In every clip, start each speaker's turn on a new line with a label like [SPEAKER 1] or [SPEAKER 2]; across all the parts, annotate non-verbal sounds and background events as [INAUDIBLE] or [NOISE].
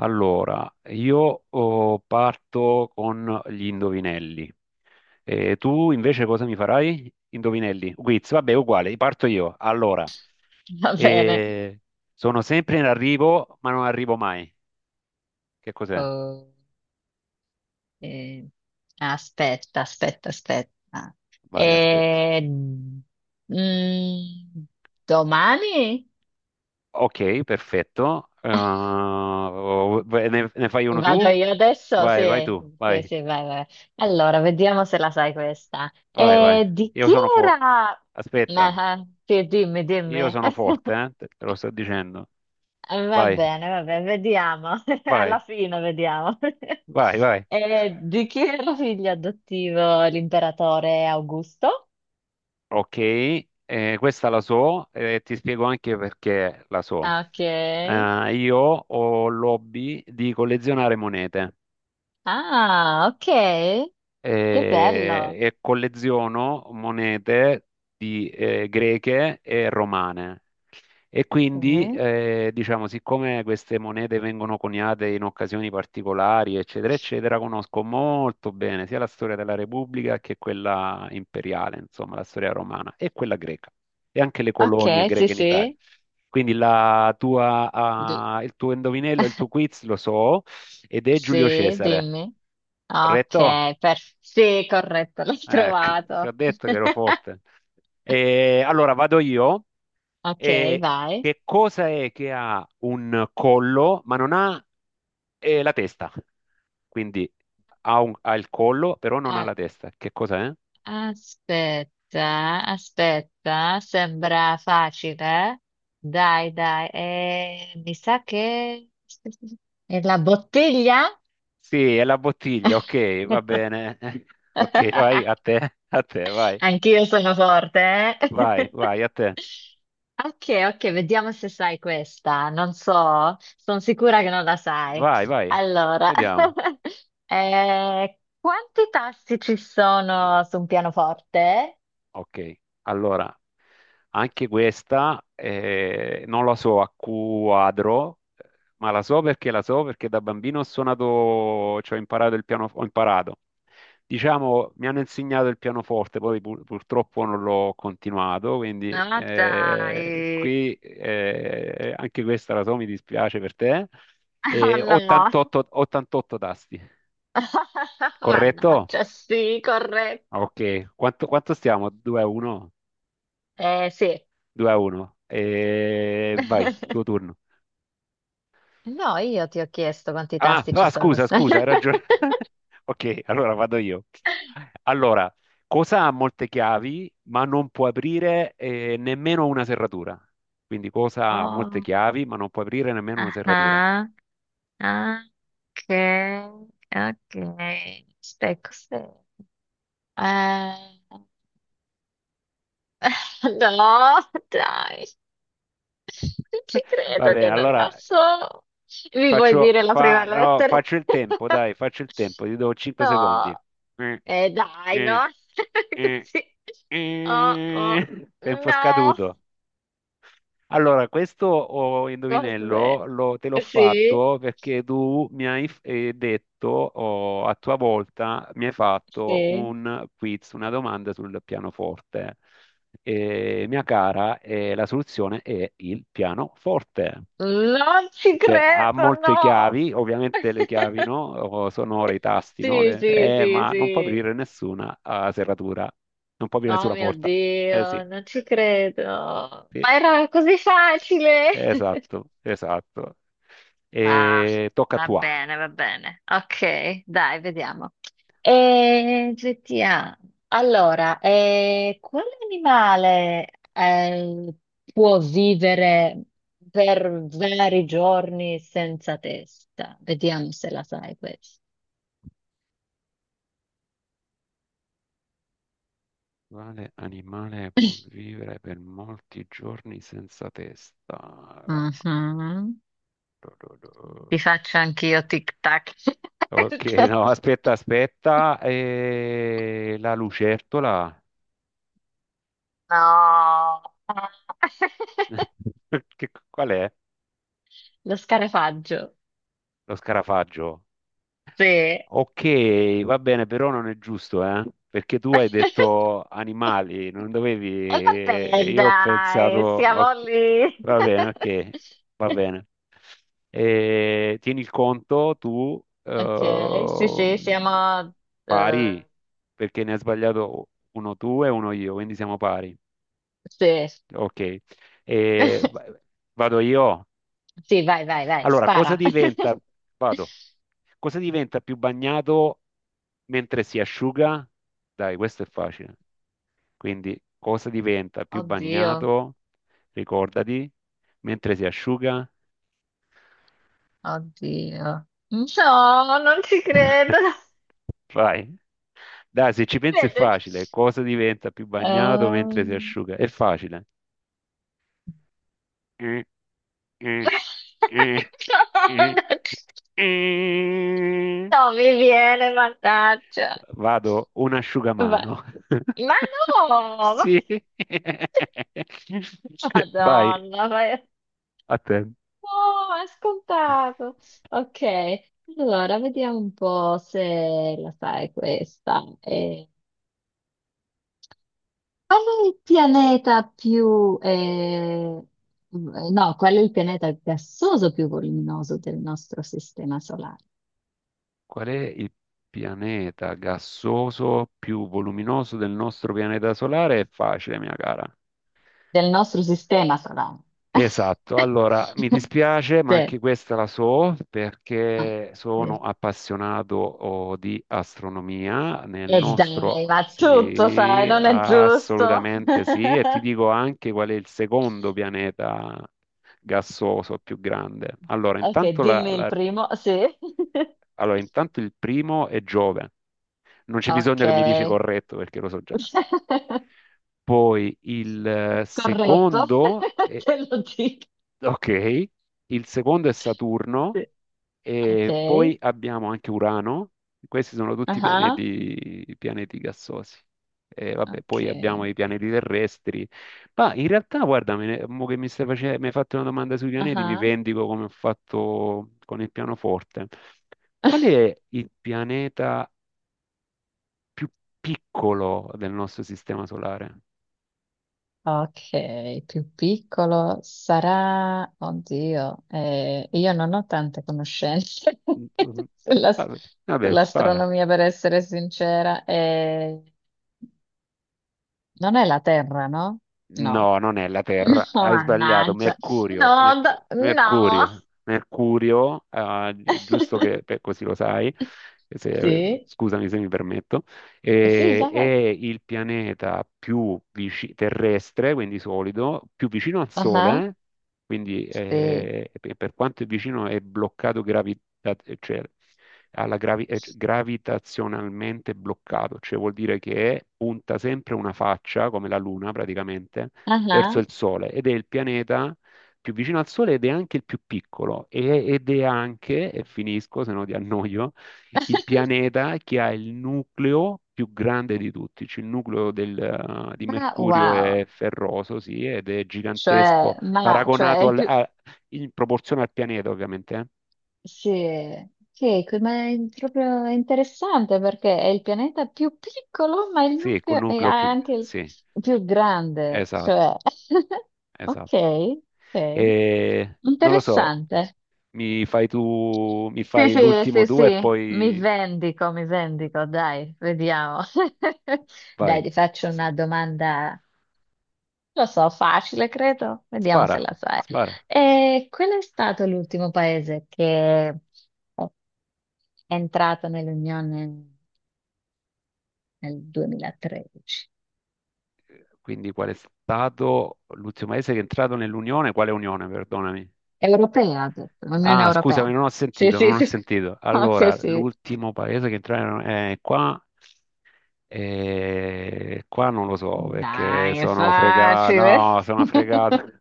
[SPEAKER 1] Allora, io parto con gli indovinelli. E tu invece cosa mi farai? Indovinelli, quiz, vabbè, uguale, parto io. Allora,
[SPEAKER 2] [LAUGHS] Va bene.
[SPEAKER 1] eh, sono sempre in arrivo, ma non arrivo mai. Che cos'è?
[SPEAKER 2] Oh, eh, aspetta, aspetta, aspetta.
[SPEAKER 1] Vai, aspetta.
[SPEAKER 2] Eh, mm, domani?
[SPEAKER 1] Ok, perfetto. Ne fai uno
[SPEAKER 2] Vado
[SPEAKER 1] tu?
[SPEAKER 2] io adesso? Sì,
[SPEAKER 1] Vai, vai tu,
[SPEAKER 2] sì,
[SPEAKER 1] vai,
[SPEAKER 2] sì, vai, vai. Allora, vediamo se la sai questa.
[SPEAKER 1] vai, vai.
[SPEAKER 2] Di
[SPEAKER 1] Io
[SPEAKER 2] chi
[SPEAKER 1] sono forte.
[SPEAKER 2] era?
[SPEAKER 1] Aspetta,
[SPEAKER 2] Ah, sì, dimmi,
[SPEAKER 1] io
[SPEAKER 2] dimmi.
[SPEAKER 1] sono forte,
[SPEAKER 2] [LAUGHS]
[SPEAKER 1] eh? Te lo sto dicendo. Vai,
[SPEAKER 2] Va bene, vediamo. [LAUGHS] Alla
[SPEAKER 1] vai.
[SPEAKER 2] fine vediamo. [LAUGHS]
[SPEAKER 1] Vai, vai.
[SPEAKER 2] Di chi era figlio adottivo l'imperatore Augusto?
[SPEAKER 1] Ok, questa la so e ti spiego anche perché la so.
[SPEAKER 2] Ok.
[SPEAKER 1] Io ho l'hobby di collezionare monete
[SPEAKER 2] Ah, ok. Che bello.
[SPEAKER 1] e colleziono monete greche e romane. E quindi,
[SPEAKER 2] Ok.
[SPEAKER 1] diciamo, siccome queste monete vengono coniate in occasioni particolari, eccetera, eccetera, conosco molto bene sia la storia della Repubblica che quella imperiale, insomma, la storia romana e quella greca e anche le colonie
[SPEAKER 2] Ok, sì,
[SPEAKER 1] greche in Italia.
[SPEAKER 2] sì.
[SPEAKER 1] Quindi
[SPEAKER 2] Di-
[SPEAKER 1] il tuo indovinello, il tuo quiz lo so ed è Giulio
[SPEAKER 2] sì,
[SPEAKER 1] Cesare,
[SPEAKER 2] dimmi.
[SPEAKER 1] corretto?
[SPEAKER 2] Ok, sì, corretto, l'ho
[SPEAKER 1] Ecco, ti ho
[SPEAKER 2] trovato.
[SPEAKER 1] detto che ero
[SPEAKER 2] [LAUGHS]
[SPEAKER 1] forte. E allora vado io.
[SPEAKER 2] Ok,
[SPEAKER 1] E
[SPEAKER 2] vai.
[SPEAKER 1] che cosa è che ha un collo, ma non ha la testa? Quindi ha il collo, però non ha
[SPEAKER 2] A-
[SPEAKER 1] la testa. Che cosa è?
[SPEAKER 2] Aspetta, aspetta, sembra facile. Dai, dai, mi sa che... È la bottiglia?
[SPEAKER 1] Sì, è la bottiglia, ok, va
[SPEAKER 2] [LAUGHS]
[SPEAKER 1] bene. [LAUGHS] Ok, vai a te, vai,
[SPEAKER 2] Anch'io sono forte,
[SPEAKER 1] vai,
[SPEAKER 2] eh? [LAUGHS]
[SPEAKER 1] vai, a te.
[SPEAKER 2] Ok, ok, vediamo se sai questa. Non so, sono sicura che non la sai.
[SPEAKER 1] Vai, vai.
[SPEAKER 2] Allora,
[SPEAKER 1] Vediamo.
[SPEAKER 2] [LAUGHS] quanti tasti ci sono su un pianoforte?
[SPEAKER 1] Ok, allora anche questa non la so a quadro, ma la so perché da bambino ho suonato, cioè ho imparato il piano, ho imparato. Diciamo, mi hanno insegnato il pianoforte, poi purtroppo non l'ho continuato, quindi
[SPEAKER 2] Ah, dai.
[SPEAKER 1] qui anche questa la so, mi dispiace per te.
[SPEAKER 2] Oh
[SPEAKER 1] E
[SPEAKER 2] no.
[SPEAKER 1] 88 tasti,
[SPEAKER 2] [LAUGHS]
[SPEAKER 1] corretto?
[SPEAKER 2] Mannaggia, sì, corretto.
[SPEAKER 1] Ok, quanto stiamo? 2 a 1?
[SPEAKER 2] Sì.
[SPEAKER 1] 2 a 1. E vai, tuo
[SPEAKER 2] [LAUGHS]
[SPEAKER 1] turno.
[SPEAKER 2] No, io ti ho chiesto quanti
[SPEAKER 1] Ah,
[SPEAKER 2] tasti ci
[SPEAKER 1] ah,
[SPEAKER 2] sono. [LAUGHS]
[SPEAKER 1] scusa, scusa, hai ragione. [LAUGHS] Ok, allora vado io. Allora, cosa ha molte chiavi, ma non può aprire nemmeno una serratura? Quindi cosa ha molte
[SPEAKER 2] Oh,
[SPEAKER 1] chiavi, ma non può aprire nemmeno una
[SPEAKER 2] ah,
[SPEAKER 1] serratura?
[SPEAKER 2] ah. Ah, ok, ok. Stai cos'è? Eh, [LAUGHS] no, dai, non ci
[SPEAKER 1] [LAUGHS] Va
[SPEAKER 2] credo
[SPEAKER 1] bene,
[SPEAKER 2] che non la
[SPEAKER 1] allora
[SPEAKER 2] so. Mi vuoi dire la prima
[SPEAKER 1] no,
[SPEAKER 2] lettera?
[SPEAKER 1] faccio il tempo, dai,
[SPEAKER 2] [LAUGHS]
[SPEAKER 1] faccio il tempo, ti do 5 secondi.
[SPEAKER 2] No,
[SPEAKER 1] Eh,
[SPEAKER 2] dai,
[SPEAKER 1] eh,
[SPEAKER 2] no, [LAUGHS]
[SPEAKER 1] eh,
[SPEAKER 2] così. Oh, oh,
[SPEAKER 1] [LAUGHS] Tempo
[SPEAKER 2] no,
[SPEAKER 1] scaduto. Allora, questo
[SPEAKER 2] cos'è?
[SPEAKER 1] indovinello te l'ho
[SPEAKER 2] Sì,
[SPEAKER 1] fatto perché tu mi hai detto, a tua volta, mi hai fatto
[SPEAKER 2] sì.
[SPEAKER 1] un quiz, una domanda sul pianoforte. E, mia cara, la soluzione è il pianoforte.
[SPEAKER 2] Non ci
[SPEAKER 1] Cioè, ha
[SPEAKER 2] credo,
[SPEAKER 1] molte
[SPEAKER 2] no.
[SPEAKER 1] chiavi, ovviamente le chiavi,
[SPEAKER 2] [LAUGHS]
[SPEAKER 1] no? Oh, sono ora i tasti, no?
[SPEAKER 2] Sì, sì, sì,
[SPEAKER 1] Ma non può
[SPEAKER 2] sì.
[SPEAKER 1] aprire nessuna serratura, non può aprire
[SPEAKER 2] Oh
[SPEAKER 1] nessuna
[SPEAKER 2] mio
[SPEAKER 1] porta. Eh sì,
[SPEAKER 2] Dio, non ci credo.
[SPEAKER 1] sì.
[SPEAKER 2] Ma era così facile. [LAUGHS]
[SPEAKER 1] Esatto, esatto.
[SPEAKER 2] Ah,
[SPEAKER 1] E tocca a
[SPEAKER 2] va
[SPEAKER 1] tua.
[SPEAKER 2] bene, va bene. Ok, dai, vediamo. E GTA. Allora, quale animale eh, può vivere per vari giorni senza testa? Vediamo se la sai questa.
[SPEAKER 1] Quale animale può
[SPEAKER 2] [LAUGHS]
[SPEAKER 1] vivere per molti giorni senza testa?
[SPEAKER 2] Mhm. Ti faccio anch'io tic-tac.
[SPEAKER 1] Ok, no, aspetta,
[SPEAKER 2] [LAUGHS]
[SPEAKER 1] aspetta. La lucertola?
[SPEAKER 2] No. [LAUGHS]
[SPEAKER 1] [LAUGHS] Qual è?
[SPEAKER 2] Lo scarefaggio.
[SPEAKER 1] Lo scarafaggio?
[SPEAKER 2] Sì.
[SPEAKER 1] Ok, va bene, però non è giusto, eh? Perché tu hai
[SPEAKER 2] [LAUGHS]
[SPEAKER 1] detto animali, non dovevi,
[SPEAKER 2] E vabbè,
[SPEAKER 1] e io ho pensato,
[SPEAKER 2] dai,
[SPEAKER 1] ok,
[SPEAKER 2] siamo lì.
[SPEAKER 1] va bene, ok, va
[SPEAKER 2] [LAUGHS]
[SPEAKER 1] bene. E tieni il conto, tu
[SPEAKER 2] Ok, sì, sì,
[SPEAKER 1] pari,
[SPEAKER 2] eh,
[SPEAKER 1] perché ne hai sbagliato uno tu e uno io, quindi siamo pari.
[SPEAKER 2] sì.
[SPEAKER 1] Ok, E va-
[SPEAKER 2] [LAUGHS]
[SPEAKER 1] vado io.
[SPEAKER 2] Sì, vai, vai, vai,
[SPEAKER 1] Allora,
[SPEAKER 2] spara. [LAUGHS]
[SPEAKER 1] vado, cosa diventa più bagnato mentre si asciuga? Dai, questo è facile. Quindi, cosa diventa più
[SPEAKER 2] Oddio,
[SPEAKER 1] bagnato, ricordati, mentre si asciuga?
[SPEAKER 2] oddio. Mm. No, non ci
[SPEAKER 1] [LAUGHS]
[SPEAKER 2] credo.
[SPEAKER 1] Vai. Dai, se ci pensi è
[SPEAKER 2] Vede-
[SPEAKER 1] facile. Cosa diventa più bagnato mentre si
[SPEAKER 2] Ehm,
[SPEAKER 1] asciuga? È facile. Eh, eh,
[SPEAKER 2] [LAUGHS]
[SPEAKER 1] eh,
[SPEAKER 2] No,
[SPEAKER 1] eh,
[SPEAKER 2] non ci-
[SPEAKER 1] eh. eh.
[SPEAKER 2] non mi viene, mannaggia.
[SPEAKER 1] Vado un
[SPEAKER 2] Vai.
[SPEAKER 1] asciugamano.
[SPEAKER 2] Ma
[SPEAKER 1] [LAUGHS]
[SPEAKER 2] no! ma-
[SPEAKER 1] Sì. Vai,
[SPEAKER 2] Madonna, ma è...
[SPEAKER 1] a te.
[SPEAKER 2] no, è scontato. Ok, allora vediamo un po' se la sai questa. Qual è il pianeta più... No, qual è il pianeta gassoso più voluminoso del nostro sistema solare?
[SPEAKER 1] Qual è il pianeta gassoso più voluminoso del nostro pianeta solare? È facile, mia cara.
[SPEAKER 2] Del nostro sistema solare.
[SPEAKER 1] Esatto, allora mi
[SPEAKER 2] [LAUGHS]
[SPEAKER 1] dispiace, ma
[SPEAKER 2] Sì.
[SPEAKER 1] anche questa la so
[SPEAKER 2] Ah,
[SPEAKER 1] perché sono
[SPEAKER 2] sì.
[SPEAKER 1] appassionato di astronomia nel
[SPEAKER 2] E dai,
[SPEAKER 1] nostro,
[SPEAKER 2] ma tutto sai,
[SPEAKER 1] sì,
[SPEAKER 2] non è giusto.
[SPEAKER 1] assolutamente sì, e
[SPEAKER 2] [LAUGHS]
[SPEAKER 1] ti dico anche qual è il secondo pianeta gassoso più grande. Allora,
[SPEAKER 2] Ok,
[SPEAKER 1] intanto,
[SPEAKER 2] dimmi il primo, sì. [LAUGHS]
[SPEAKER 1] allora, intanto il primo è Giove, non c'è
[SPEAKER 2] Ok.
[SPEAKER 1] bisogno che mi dici corretto perché lo so già.
[SPEAKER 2] [LAUGHS]
[SPEAKER 1] Poi il
[SPEAKER 2] Corretto,
[SPEAKER 1] secondo
[SPEAKER 2] [LAUGHS] te lo dico.
[SPEAKER 1] ok, il secondo è Saturno
[SPEAKER 2] Sì.
[SPEAKER 1] e
[SPEAKER 2] Ok.
[SPEAKER 1] poi abbiamo anche Urano, questi sono tutti
[SPEAKER 2] Ah,
[SPEAKER 1] pianeti gassosi. E vabbè,
[SPEAKER 2] ok.
[SPEAKER 1] poi abbiamo i pianeti terrestri, ma in realtà guarda, mo che mi hai fatto una domanda sui pianeti, mi
[SPEAKER 2] Ah.
[SPEAKER 1] vendico come ho fatto con il pianoforte. Qual
[SPEAKER 2] [LAUGHS]
[SPEAKER 1] è il pianeta più piccolo del nostro sistema solare?
[SPEAKER 2] Ok, più piccolo sarà... Oddio, io non ho tante conoscenze
[SPEAKER 1] Mm, mm, mm.
[SPEAKER 2] [LAUGHS] sulla-
[SPEAKER 1] Vabbè, vabbè, spara.
[SPEAKER 2] sull'astronomia, per essere sincera. Non è la Terra, no? No.
[SPEAKER 1] No, non è la Terra,
[SPEAKER 2] No,
[SPEAKER 1] hai sbagliato,
[SPEAKER 2] mannaggia. No, d- no.
[SPEAKER 1] Mercurio, ah, giusto che
[SPEAKER 2] [LAUGHS]
[SPEAKER 1] così lo sai,
[SPEAKER 2] Sì,
[SPEAKER 1] scusami se mi permetto,
[SPEAKER 2] sì,
[SPEAKER 1] è
[SPEAKER 2] esatto.
[SPEAKER 1] il pianeta più terrestre, quindi solido, più vicino al
[SPEAKER 2] Ah.
[SPEAKER 1] Sole, eh? Quindi
[SPEAKER 2] Sì,
[SPEAKER 1] e per quanto è vicino è bloccato cioè, cioè, gravitazionalmente bloccato, cioè vuol dire che punta sempre una faccia, come la Luna praticamente, verso
[SPEAKER 2] ah.
[SPEAKER 1] il Sole ed è il pianeta più vicino al Sole ed è anche il più piccolo ed è anche, e finisco se no ti annoio, il pianeta che ha il nucleo più grande di tutti, cioè il nucleo di
[SPEAKER 2] Ma
[SPEAKER 1] Mercurio è
[SPEAKER 2] wow,
[SPEAKER 1] ferroso, sì, ed è gigantesco,
[SPEAKER 2] cioè, ma, cioè, è
[SPEAKER 1] paragonato
[SPEAKER 2] il più...
[SPEAKER 1] in proporzione al pianeta, ovviamente.
[SPEAKER 2] Sì, sì, ma è proprio interessante perché è il pianeta più piccolo, ma il
[SPEAKER 1] Sì, col
[SPEAKER 2] nucleo è
[SPEAKER 1] nucleo più.
[SPEAKER 2] anche il
[SPEAKER 1] Sì,
[SPEAKER 2] più grande,
[SPEAKER 1] esatto,
[SPEAKER 2] cioè... [LAUGHS] Ok,
[SPEAKER 1] esatto.
[SPEAKER 2] ok.
[SPEAKER 1] E, non lo so,
[SPEAKER 2] Interessante.
[SPEAKER 1] mi fai tu, mi
[SPEAKER 2] Sì,
[SPEAKER 1] fai
[SPEAKER 2] sì,
[SPEAKER 1] l'ultimo
[SPEAKER 2] sì,
[SPEAKER 1] due e
[SPEAKER 2] sì,
[SPEAKER 1] poi
[SPEAKER 2] mi vendico, dai, vediamo. [LAUGHS] Dai,
[SPEAKER 1] vai.
[SPEAKER 2] ti faccio
[SPEAKER 1] S-
[SPEAKER 2] una domanda, lo so, facile, credo, vediamo se
[SPEAKER 1] Spara,
[SPEAKER 2] la sai.
[SPEAKER 1] spara.
[SPEAKER 2] E qual è stato l'ultimo paese che è entrato nell'Unione nel 2013?
[SPEAKER 1] Quindi qual è stato l'ultimo paese che è entrato nell'Unione? Quale Unione, perdonami?
[SPEAKER 2] Europea, ha detto, Unione
[SPEAKER 1] Ah, scusami,
[SPEAKER 2] Europea.
[SPEAKER 1] non ho
[SPEAKER 2] Sì,
[SPEAKER 1] sentito,
[SPEAKER 2] sì,
[SPEAKER 1] non ho
[SPEAKER 2] sì,
[SPEAKER 1] sentito.
[SPEAKER 2] [LAUGHS] ok,
[SPEAKER 1] Allora,
[SPEAKER 2] sì.
[SPEAKER 1] l'ultimo paese che entrare è qua. E qua non lo so perché
[SPEAKER 2] Dai, è
[SPEAKER 1] sono fregato.
[SPEAKER 2] facile.
[SPEAKER 1] No, sono fregato.
[SPEAKER 2] [LAUGHS]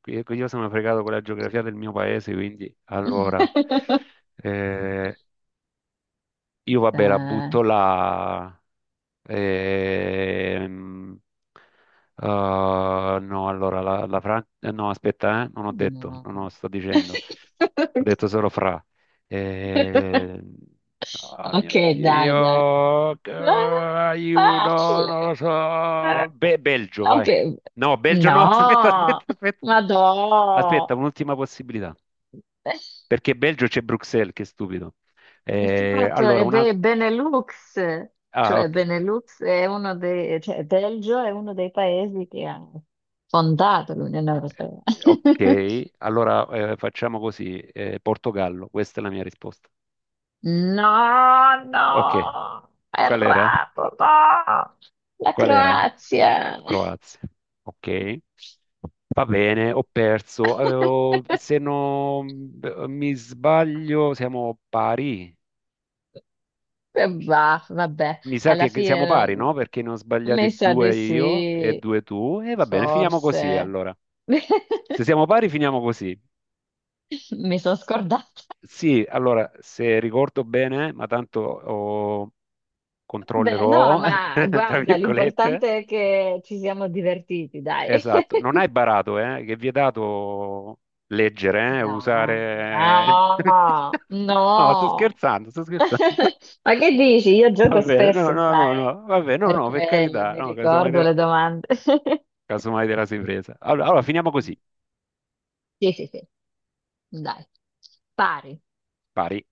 [SPEAKER 1] Qui io sono fregato con la geografia del mio paese, quindi allora eh, io vabbè la butto
[SPEAKER 2] Dai.
[SPEAKER 1] là. Ehm, ah, no, allora la Francia. No, aspetta, non ho detto, non ho,
[SPEAKER 2] Mm.
[SPEAKER 1] sto dicendo. Ho detto
[SPEAKER 2] [LAUGHS]
[SPEAKER 1] solo fra. Ehm, ah,
[SPEAKER 2] Ok,
[SPEAKER 1] mio
[SPEAKER 2] dai, dai.
[SPEAKER 1] Dio,
[SPEAKER 2] Ah,
[SPEAKER 1] aiuto,
[SPEAKER 2] facile.
[SPEAKER 1] non lo
[SPEAKER 2] Ah,
[SPEAKER 1] so. Belgio,
[SPEAKER 2] ok,
[SPEAKER 1] vai. No, Belgio
[SPEAKER 2] no,
[SPEAKER 1] no, [LAUGHS] aspetta, aspetta, aspetta.
[SPEAKER 2] ma
[SPEAKER 1] Aspetta,
[SPEAKER 2] no.
[SPEAKER 1] un'ultima possibilità. Perché Belgio c'è Bruxelles, che stupido.
[SPEAKER 2] Esatto,
[SPEAKER 1] Allora,
[SPEAKER 2] e
[SPEAKER 1] un altro.
[SPEAKER 2] beh, Benelux,
[SPEAKER 1] Ah,
[SPEAKER 2] cioè
[SPEAKER 1] ok.
[SPEAKER 2] Benelux è uno dei, cioè Belgio è uno dei paesi che ha fondato l'Unione Europea. [LAUGHS]
[SPEAKER 1] Ok, allora facciamo così, Portogallo, questa è la mia risposta.
[SPEAKER 2] No,
[SPEAKER 1] Ok,
[SPEAKER 2] no,
[SPEAKER 1] qual era?
[SPEAKER 2] errato, no. La
[SPEAKER 1] Qual era?
[SPEAKER 2] Croazia.
[SPEAKER 1] Croazia. Ok, va bene, ho perso. Avevo- se
[SPEAKER 2] [LAUGHS]
[SPEAKER 1] non mi sbaglio, siamo pari.
[SPEAKER 2] Bah, vabbè,
[SPEAKER 1] Mi sa
[SPEAKER 2] alla
[SPEAKER 1] che siamo pari,
[SPEAKER 2] fine
[SPEAKER 1] no? Perché ne ho
[SPEAKER 2] mi
[SPEAKER 1] sbagliati
[SPEAKER 2] sa di
[SPEAKER 1] due io e
[SPEAKER 2] sì,
[SPEAKER 1] due tu. E va bene, finiamo così
[SPEAKER 2] forse.
[SPEAKER 1] allora. Se siamo
[SPEAKER 2] [LAUGHS]
[SPEAKER 1] pari, finiamo così.
[SPEAKER 2] Mi sono scordata.
[SPEAKER 1] Sì, allora, se ricordo bene, ma tanto
[SPEAKER 2] Beh, no,
[SPEAKER 1] controllerò,
[SPEAKER 2] ma
[SPEAKER 1] [LAUGHS] tra
[SPEAKER 2] guarda,
[SPEAKER 1] virgolette.
[SPEAKER 2] l'importante è che ci siamo divertiti, dai. [LAUGHS]
[SPEAKER 1] Esatto, non hai barato, che è vietato leggere,
[SPEAKER 2] No,
[SPEAKER 1] usare.
[SPEAKER 2] no,
[SPEAKER 1] [LAUGHS] No, sto
[SPEAKER 2] no.
[SPEAKER 1] scherzando, sto
[SPEAKER 2] [LAUGHS]
[SPEAKER 1] scherzando.
[SPEAKER 2] Ma che dici? Io
[SPEAKER 1] [LAUGHS] Va
[SPEAKER 2] gioco
[SPEAKER 1] bene, no,
[SPEAKER 2] spesso,
[SPEAKER 1] no, no,
[SPEAKER 2] sai,
[SPEAKER 1] no, va bene, no,
[SPEAKER 2] per
[SPEAKER 1] no, per
[SPEAKER 2] quello
[SPEAKER 1] carità,
[SPEAKER 2] mi
[SPEAKER 1] no,
[SPEAKER 2] ricordo le domande. [LAUGHS]
[SPEAKER 1] casomai te la sei presa. Allora, allora, finiamo
[SPEAKER 2] Mm.
[SPEAKER 1] così,
[SPEAKER 2] Sì, sì, sì, dai, pari.
[SPEAKER 1] pari.